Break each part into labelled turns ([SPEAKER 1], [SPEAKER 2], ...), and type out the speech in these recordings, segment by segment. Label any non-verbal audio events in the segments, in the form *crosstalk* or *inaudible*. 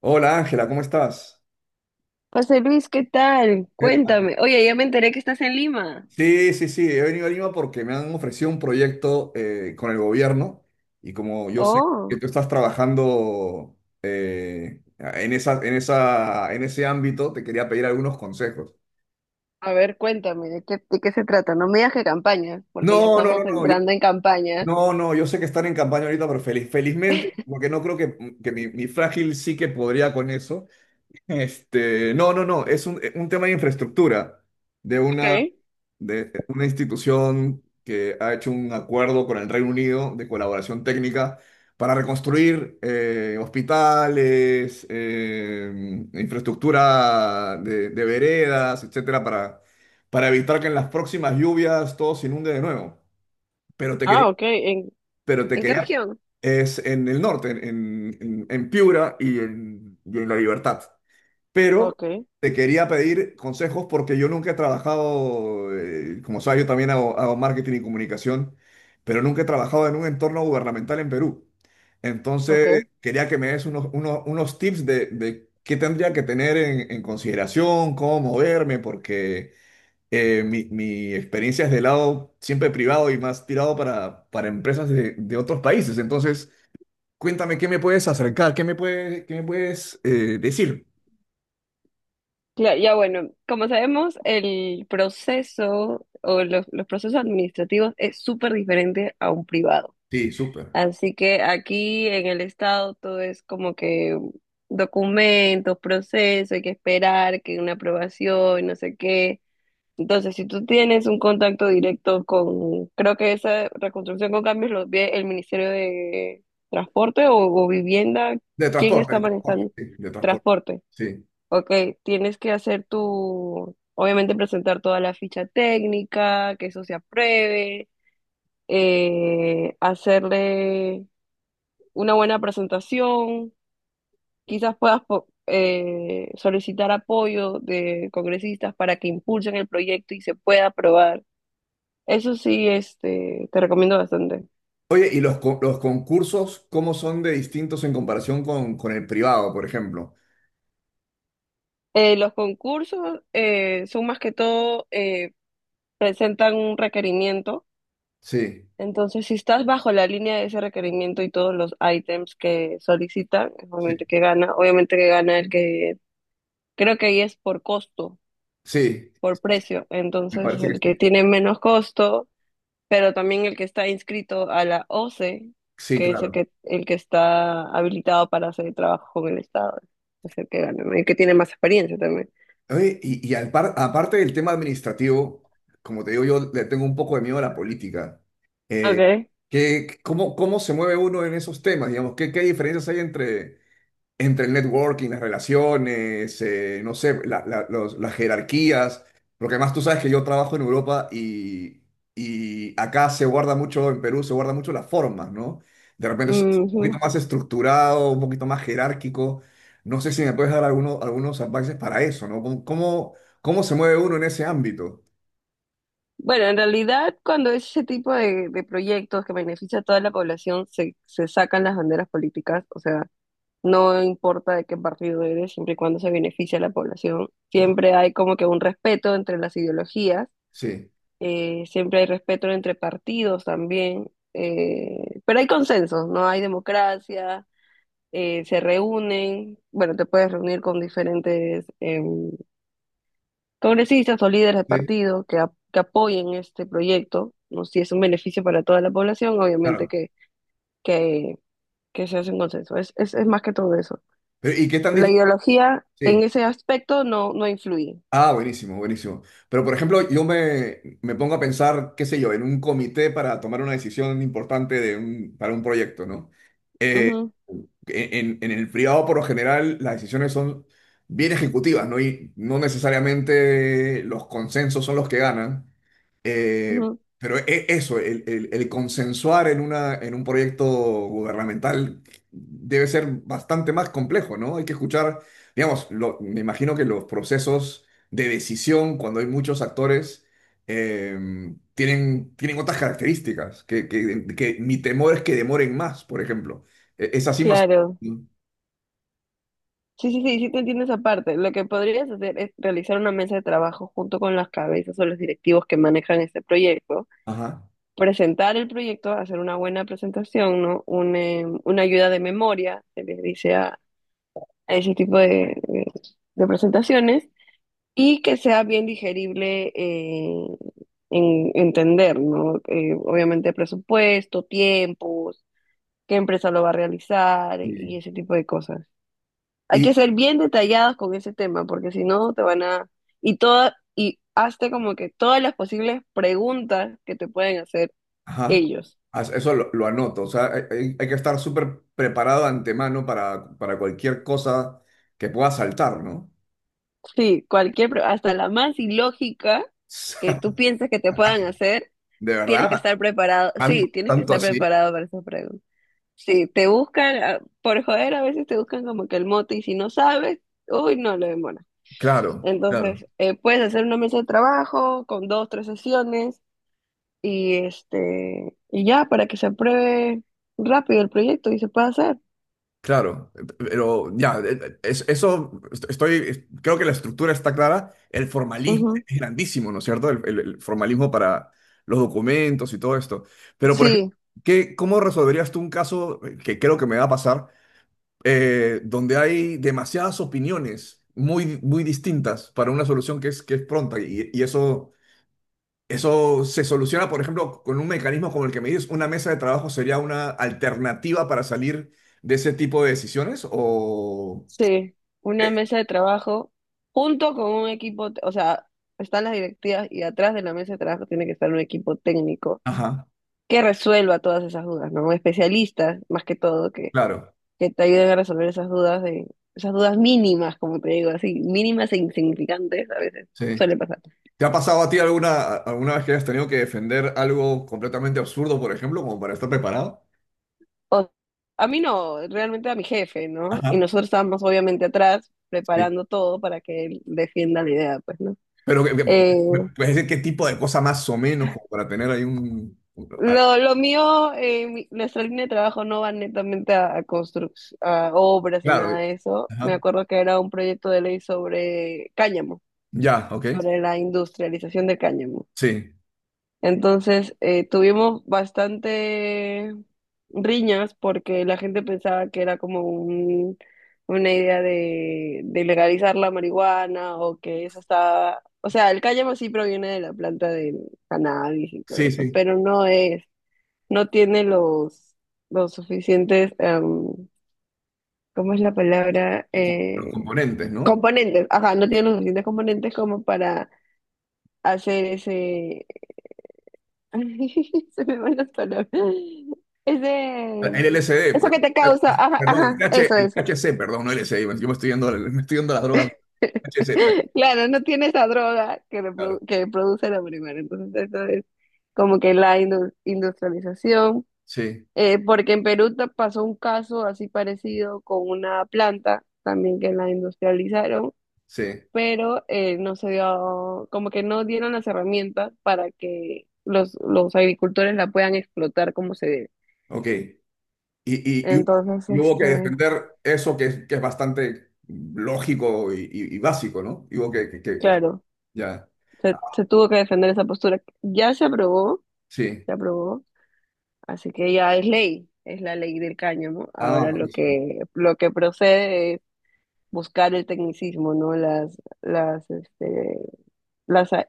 [SPEAKER 1] Hola Ángela, ¿cómo estás?
[SPEAKER 2] José Luis, ¿qué tal?
[SPEAKER 1] ¿Qué tal?
[SPEAKER 2] Cuéntame. Oye, ya me enteré que estás en Lima.
[SPEAKER 1] Sí, sí, sí, he venido a Lima porque me han ofrecido un proyecto con el gobierno y como yo sé que
[SPEAKER 2] Oh,
[SPEAKER 1] tú estás trabajando en esa, en ese ámbito, te quería pedir algunos consejos.
[SPEAKER 2] a ver, cuéntame, ¿de qué se trata? No me digas que campaña, porque ya
[SPEAKER 1] No, no, no,
[SPEAKER 2] estamos
[SPEAKER 1] no, yo,
[SPEAKER 2] entrando en campaña.
[SPEAKER 1] no, no, yo sé que están en campaña ahorita, pero feliz, felizmente, porque no creo que mi frágil sí que podría con eso. No, no, no, es un tema de infraestructura, de una,
[SPEAKER 2] Okay.
[SPEAKER 1] de una institución que ha hecho un acuerdo con el Reino Unido de colaboración técnica para reconstruir hospitales, infraestructura de veredas, etcétera, para evitar que en las próximas lluvias todo se inunde de nuevo. Pero te quería,
[SPEAKER 2] Ah, okay.
[SPEAKER 1] pero te
[SPEAKER 2] ¿En qué
[SPEAKER 1] quería,
[SPEAKER 2] región?
[SPEAKER 1] es en el norte, en Piura y en La Libertad pero
[SPEAKER 2] Okay.
[SPEAKER 1] te quería pedir consejos porque yo nunca he trabajado, como sabes, yo también hago, hago marketing y comunicación, pero nunca he trabajado en un entorno gubernamental en Perú. Entonces,
[SPEAKER 2] Okay.
[SPEAKER 1] quería que me des unos tips de qué tendría que tener en consideración, cómo moverme, porque mi experiencia es de lado siempre privado y más tirado para empresas de otros países. Entonces, cuéntame qué me puedes acercar, qué me puedes decir.
[SPEAKER 2] Claro, ya bueno, como sabemos, el proceso o los procesos administrativos es súper diferente a un privado.
[SPEAKER 1] Sí, súper.
[SPEAKER 2] Así que aquí en el estado todo es como que documentos, proceso, hay que esperar que una aprobación, no sé qué. Entonces, si tú tienes un contacto directo con, creo que esa reconstrucción con cambios lo ve el Ministerio de Transporte o Vivienda, ¿quién está
[SPEAKER 1] De transporte,
[SPEAKER 2] manejando
[SPEAKER 1] sí, de transporte.
[SPEAKER 2] transporte?
[SPEAKER 1] Sí.
[SPEAKER 2] Ok, tienes que hacer tu, obviamente presentar toda la ficha técnica, que eso se apruebe, hacerle una buena presentación, quizás puedas solicitar apoyo de congresistas para que impulsen el proyecto y se pueda aprobar. Eso sí, este, te recomiendo bastante.
[SPEAKER 1] Oye, ¿ los concursos cómo son de distintos en comparación con el privado, por ejemplo?
[SPEAKER 2] Los concursos son más que todo, presentan un requerimiento.
[SPEAKER 1] Sí,
[SPEAKER 2] Entonces, si estás bajo la línea de ese requerimiento y todos los ítems que solicitan,
[SPEAKER 1] sí,
[SPEAKER 2] obviamente que gana el que, creo que ahí es por costo,
[SPEAKER 1] sí,
[SPEAKER 2] por precio.
[SPEAKER 1] me
[SPEAKER 2] Entonces,
[SPEAKER 1] parece que
[SPEAKER 2] el
[SPEAKER 1] sí.
[SPEAKER 2] que tiene menos costo pero también el que está inscrito a la OCE,
[SPEAKER 1] Sí,
[SPEAKER 2] que es
[SPEAKER 1] claro.
[SPEAKER 2] el que está habilitado para hacer trabajo con el Estado, es el que gana, ¿no? El que tiene más experiencia también.
[SPEAKER 1] Oye, aparte del tema administrativo, como te digo, yo le tengo un poco de miedo a la política. Eh,
[SPEAKER 2] Okay.
[SPEAKER 1] cómo, cómo se mueve uno en esos temas? Digamos, ¿qué, qué diferencias hay entre, entre el networking, las relaciones, no sé, las jerarquías, porque además tú sabes que yo trabajo en Europa y acá se guarda mucho, en Perú se guarda mucho las formas, ¿no? De repente es un poquito
[SPEAKER 2] Ujú.
[SPEAKER 1] más estructurado, un poquito más jerárquico. No sé si me puedes dar algunos, algunos advices para eso, ¿no? ¿Cómo, cómo, cómo se mueve uno en ese ámbito?
[SPEAKER 2] Bueno, en realidad cuando es ese tipo de proyectos que beneficia a toda la población, se sacan las banderas políticas, o sea, no importa de qué partido eres, siempre y cuando se beneficia a la población, siempre hay como que un respeto entre las ideologías,
[SPEAKER 1] Sí,
[SPEAKER 2] siempre hay respeto entre partidos también, pero hay consensos, ¿no? Hay democracia, se reúnen, bueno, te puedes reunir con diferentes em, congresistas o líderes de
[SPEAKER 1] sí,
[SPEAKER 2] partido que, que apoyen este proyecto, ¿no? Si es un beneficio para toda la población, obviamente
[SPEAKER 1] claro.
[SPEAKER 2] que, que se hace un consenso, es más que todo eso.
[SPEAKER 1] Pero, ¿y qué tan
[SPEAKER 2] La
[SPEAKER 1] difícil?
[SPEAKER 2] ideología en
[SPEAKER 1] Sí.
[SPEAKER 2] ese aspecto no, no influye.
[SPEAKER 1] Ah, buenísimo, buenísimo. Pero, por ejemplo, yo me, me pongo a pensar, qué sé yo, en un comité para tomar una decisión importante para un proyecto, ¿no? Eh,
[SPEAKER 2] Ujú,
[SPEAKER 1] en el privado, por lo general, las decisiones son bien ejecutivas, ¿no? Y no necesariamente los consensos son los que ganan. Eh,
[SPEAKER 2] ujú,
[SPEAKER 1] pero eso, el consensuar en una, en un proyecto gubernamental debe ser bastante más complejo, ¿no? Hay que escuchar, digamos, me imagino que los procesos de decisión, cuando hay muchos actores, eh, tienen, tienen otras características, que mi temor es que demoren más, por ejemplo. Es así más...
[SPEAKER 2] claro.
[SPEAKER 1] ¿no?
[SPEAKER 2] Sí, sí, sí, sí te entiendo esa parte. Lo que podrías hacer es realizar una mesa de trabajo junto con las cabezas o los directivos que manejan este proyecto,
[SPEAKER 1] Ajá.
[SPEAKER 2] presentar el proyecto, hacer una buena presentación, ¿no? Una ayuda de memoria, se les dice a ese tipo de presentaciones, y que sea bien digerible en entender, ¿no? Obviamente presupuesto, tiempos, qué empresa lo va a realizar y
[SPEAKER 1] Sí.
[SPEAKER 2] ese tipo de cosas. Hay que ser bien detallados con ese tema, porque si no te van a... Y toda, y hazte como que todas las posibles preguntas que te pueden hacer
[SPEAKER 1] Ajá.
[SPEAKER 2] ellos.
[SPEAKER 1] Eso lo anoto. O sea, hay que estar súper preparado de antemano para cualquier cosa que pueda saltar, ¿no? *laughs*
[SPEAKER 2] Sí, cualquier, hasta la más ilógica
[SPEAKER 1] O
[SPEAKER 2] que tú
[SPEAKER 1] sea,
[SPEAKER 2] pienses que te puedan hacer,
[SPEAKER 1] de
[SPEAKER 2] tienes que
[SPEAKER 1] verdad.
[SPEAKER 2] estar preparado. Sí, tienes que
[SPEAKER 1] Tanto,
[SPEAKER 2] estar
[SPEAKER 1] así?
[SPEAKER 2] preparado para esas preguntas. Sí, te buscan, ah, por joder, a veces te buscan como que el mote y si no sabes, uy, no, lo demora.
[SPEAKER 1] Claro, claro,
[SPEAKER 2] Entonces, puedes hacer una mesa de trabajo con dos, tres sesiones y este, y ya, para que se apruebe rápido el proyecto y se pueda hacer.
[SPEAKER 1] claro. Pero ya, eso estoy, creo que la estructura está clara. El formalismo
[SPEAKER 2] Ujú.
[SPEAKER 1] es grandísimo, ¿no es cierto? El formalismo para los documentos y todo esto. Pero, por ejemplo,
[SPEAKER 2] Sí,
[SPEAKER 1] ¿qué, cómo resolverías tú un caso que creo que me va a pasar? Donde hay demasiadas opiniones muy, muy distintas para una solución que es pronta. Y eso, eso se soluciona, por ejemplo, con un mecanismo como el que me dices, una mesa de trabajo sería una alternativa para salir de ese tipo de decisiones o...
[SPEAKER 2] sí, una mesa de trabajo junto con un equipo, o sea, están las directivas y atrás de la mesa de trabajo tiene que estar un equipo técnico
[SPEAKER 1] Ajá,
[SPEAKER 2] que resuelva todas esas dudas, ¿no? Especialistas, más que todo,
[SPEAKER 1] claro,
[SPEAKER 2] que te ayuden a resolver esas dudas de, esas dudas mínimas, como te digo, así, mínimas e insignificantes a veces,
[SPEAKER 1] sí.
[SPEAKER 2] suele pasar.
[SPEAKER 1] ¿Te ha pasado a ti alguna, alguna vez que hayas tenido que defender algo completamente absurdo, por ejemplo, como para estar preparado?
[SPEAKER 2] O- a mí no, realmente a mi jefe, ¿no?
[SPEAKER 1] Ajá.
[SPEAKER 2] Y nosotros estábamos obviamente atrás
[SPEAKER 1] Sí.
[SPEAKER 2] preparando todo para que él defienda la idea, pues, ¿no?
[SPEAKER 1] Pero,
[SPEAKER 2] Eh,
[SPEAKER 1] ¿puedes decir qué tipo de cosa más o menos como para tener ahí un...
[SPEAKER 2] lo mío, nuestra línea de trabajo no va netamente a, a a obras ni
[SPEAKER 1] Claro.
[SPEAKER 2] nada de eso. Me
[SPEAKER 1] Ajá.
[SPEAKER 2] acuerdo que era un proyecto de ley sobre cáñamo,
[SPEAKER 1] Ya, ok.
[SPEAKER 2] sobre la industrialización de cáñamo.
[SPEAKER 1] Sí,
[SPEAKER 2] Entonces, tuvimos bastante riñas porque la gente pensaba que era como una idea de legalizar la marihuana o que eso estaba... O sea, el cáñamo sí proviene de la planta del cannabis y todo
[SPEAKER 1] sí,
[SPEAKER 2] eso,
[SPEAKER 1] sí.
[SPEAKER 2] pero no es, no tiene los suficientes, ¿cómo es la palabra?
[SPEAKER 1] Los componentes, ¿no?
[SPEAKER 2] Componentes, ajá, no tiene los suficientes componentes como para hacer ese, *laughs* se me van las palabras. Es de...
[SPEAKER 1] El LSD,
[SPEAKER 2] Eso
[SPEAKER 1] pues.
[SPEAKER 2] que te causa,
[SPEAKER 1] Ah,
[SPEAKER 2] ajá,
[SPEAKER 1] perdón,
[SPEAKER 2] ajá, eso,
[SPEAKER 1] el
[SPEAKER 2] eso.
[SPEAKER 1] THC, perdón, no LSD. Yo me estoy yendo a las drogas. THC,
[SPEAKER 2] *laughs* Claro, no tiene esa droga que,
[SPEAKER 1] claro.
[SPEAKER 2] que produce la marihuana. Entonces, eso es como que la industrialización.
[SPEAKER 1] Sí,
[SPEAKER 2] Porque en Perú pasó un caso así parecido con una planta también que la industrializaron,
[SPEAKER 1] sí.
[SPEAKER 2] pero no se dio, como que no dieron las herramientas para que los agricultores la puedan explotar como se debe.
[SPEAKER 1] Ok. Y, y-
[SPEAKER 2] Entonces,
[SPEAKER 1] y hubo que
[SPEAKER 2] este,
[SPEAKER 1] defender eso que es bastante lógico y, y básico, ¿no? Y hubo que,
[SPEAKER 2] claro,
[SPEAKER 1] ya.
[SPEAKER 2] se,
[SPEAKER 1] Ah,
[SPEAKER 2] se tuvo que defender esa postura. Ya
[SPEAKER 1] sí.
[SPEAKER 2] se aprobó, así que ya es ley, es la ley del cáñamo.
[SPEAKER 1] Ah,
[SPEAKER 2] Ahora
[SPEAKER 1] buenísimo.
[SPEAKER 2] lo que procede es buscar el tecnicismo, ¿no? Las, este, las,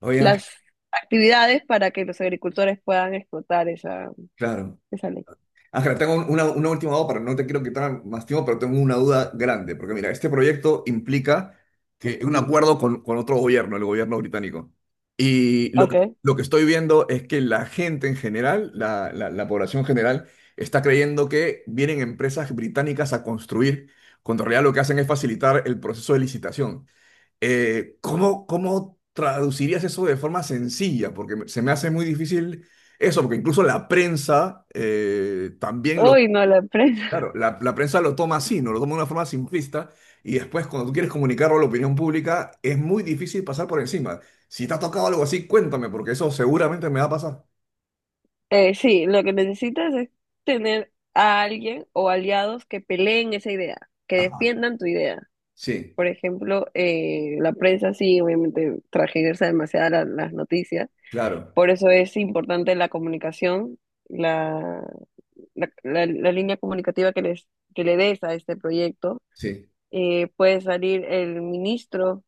[SPEAKER 1] Oye, Ángel,
[SPEAKER 2] las actividades para que los agricultores puedan explotar esa,
[SPEAKER 1] claro.
[SPEAKER 2] esa ley.
[SPEAKER 1] Ángela, tengo una última duda, pero no te quiero quitar más tiempo, pero tengo una duda grande, porque mira, este proyecto implica que un acuerdo con otro gobierno, el gobierno británico. Y lo que,
[SPEAKER 2] Okay.
[SPEAKER 1] lo que estoy viendo es que la gente en general, la población general, está creyendo que vienen empresas británicas a construir, cuando en realidad lo que hacen es facilitar el proceso de licitación. ¿Cómo, cómo traducirías eso de forma sencilla? Porque se me hace muy difícil eso, porque incluso la prensa también lo...
[SPEAKER 2] Uy, no, la empresa.
[SPEAKER 1] Claro,
[SPEAKER 2] *laughs*
[SPEAKER 1] la prensa lo toma así, ¿no? Lo toma de una forma simplista y después cuando tú quieres comunicarlo a la opinión pública es muy difícil pasar por encima. Si te ha tocado algo así, cuéntame, porque eso seguramente me va a pasar.
[SPEAKER 2] Sí, lo que necesitas es tener a alguien o aliados que peleen esa idea, que
[SPEAKER 1] Ajá,
[SPEAKER 2] defiendan tu idea.
[SPEAKER 1] sí,
[SPEAKER 2] Por ejemplo, la prensa sí, obviamente, tergiversa demasiado las noticias.
[SPEAKER 1] claro,
[SPEAKER 2] Por eso es importante la comunicación, la, la línea comunicativa que, les, que le des a este proyecto.
[SPEAKER 1] sí,
[SPEAKER 2] Puede salir el ministro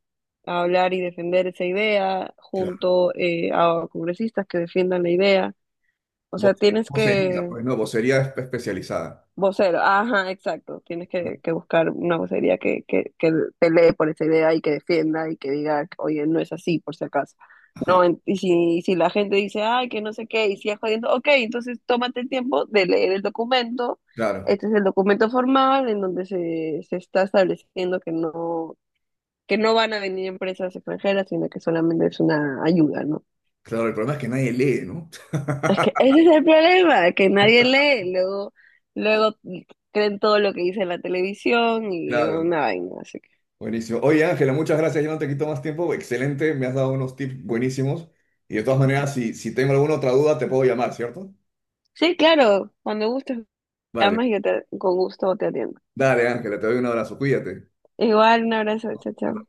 [SPEAKER 2] a hablar y defender esa idea
[SPEAKER 1] claro.
[SPEAKER 2] junto a congresistas que defiendan la idea. O
[SPEAKER 1] Vo-
[SPEAKER 2] sea, tienes
[SPEAKER 1] Vocería,
[SPEAKER 2] que...
[SPEAKER 1] pues no, vocería especializada.
[SPEAKER 2] Vocero, ajá, exacto. Tienes que buscar una vocería que pelee por esa idea y que defienda y que diga, oye, no es así, por si acaso.
[SPEAKER 1] Ajá,
[SPEAKER 2] No, y si, si la gente dice, ay, que no sé qué, y sigue jodiendo, ok, entonces tómate el tiempo de leer el documento.
[SPEAKER 1] claro,
[SPEAKER 2] Este es el documento formal en donde se está estableciendo que no van a venir empresas extranjeras, sino que solamente es una ayuda, ¿no?
[SPEAKER 1] claro, el problema es que nadie lee, ¿no?
[SPEAKER 2] Es que ese es el problema, que nadie lee, luego, luego creen todo lo que dice la televisión
[SPEAKER 1] *laughs*
[SPEAKER 2] y
[SPEAKER 1] Claro.
[SPEAKER 2] una vaina, así que.
[SPEAKER 1] Buenísimo. Oye, Ángela, muchas gracias. Yo no te quito más tiempo. Excelente, me has dado unos tips buenísimos. Y de todas maneras, si, si tengo alguna otra duda, te puedo llamar, ¿cierto?
[SPEAKER 2] Sí, claro, cuando gustes me
[SPEAKER 1] Vale.
[SPEAKER 2] llamas y yo te, con gusto te atiendo.
[SPEAKER 1] Dale, Ángela, te doy un abrazo. Cuídate.
[SPEAKER 2] Igual, un abrazo, chao, chao.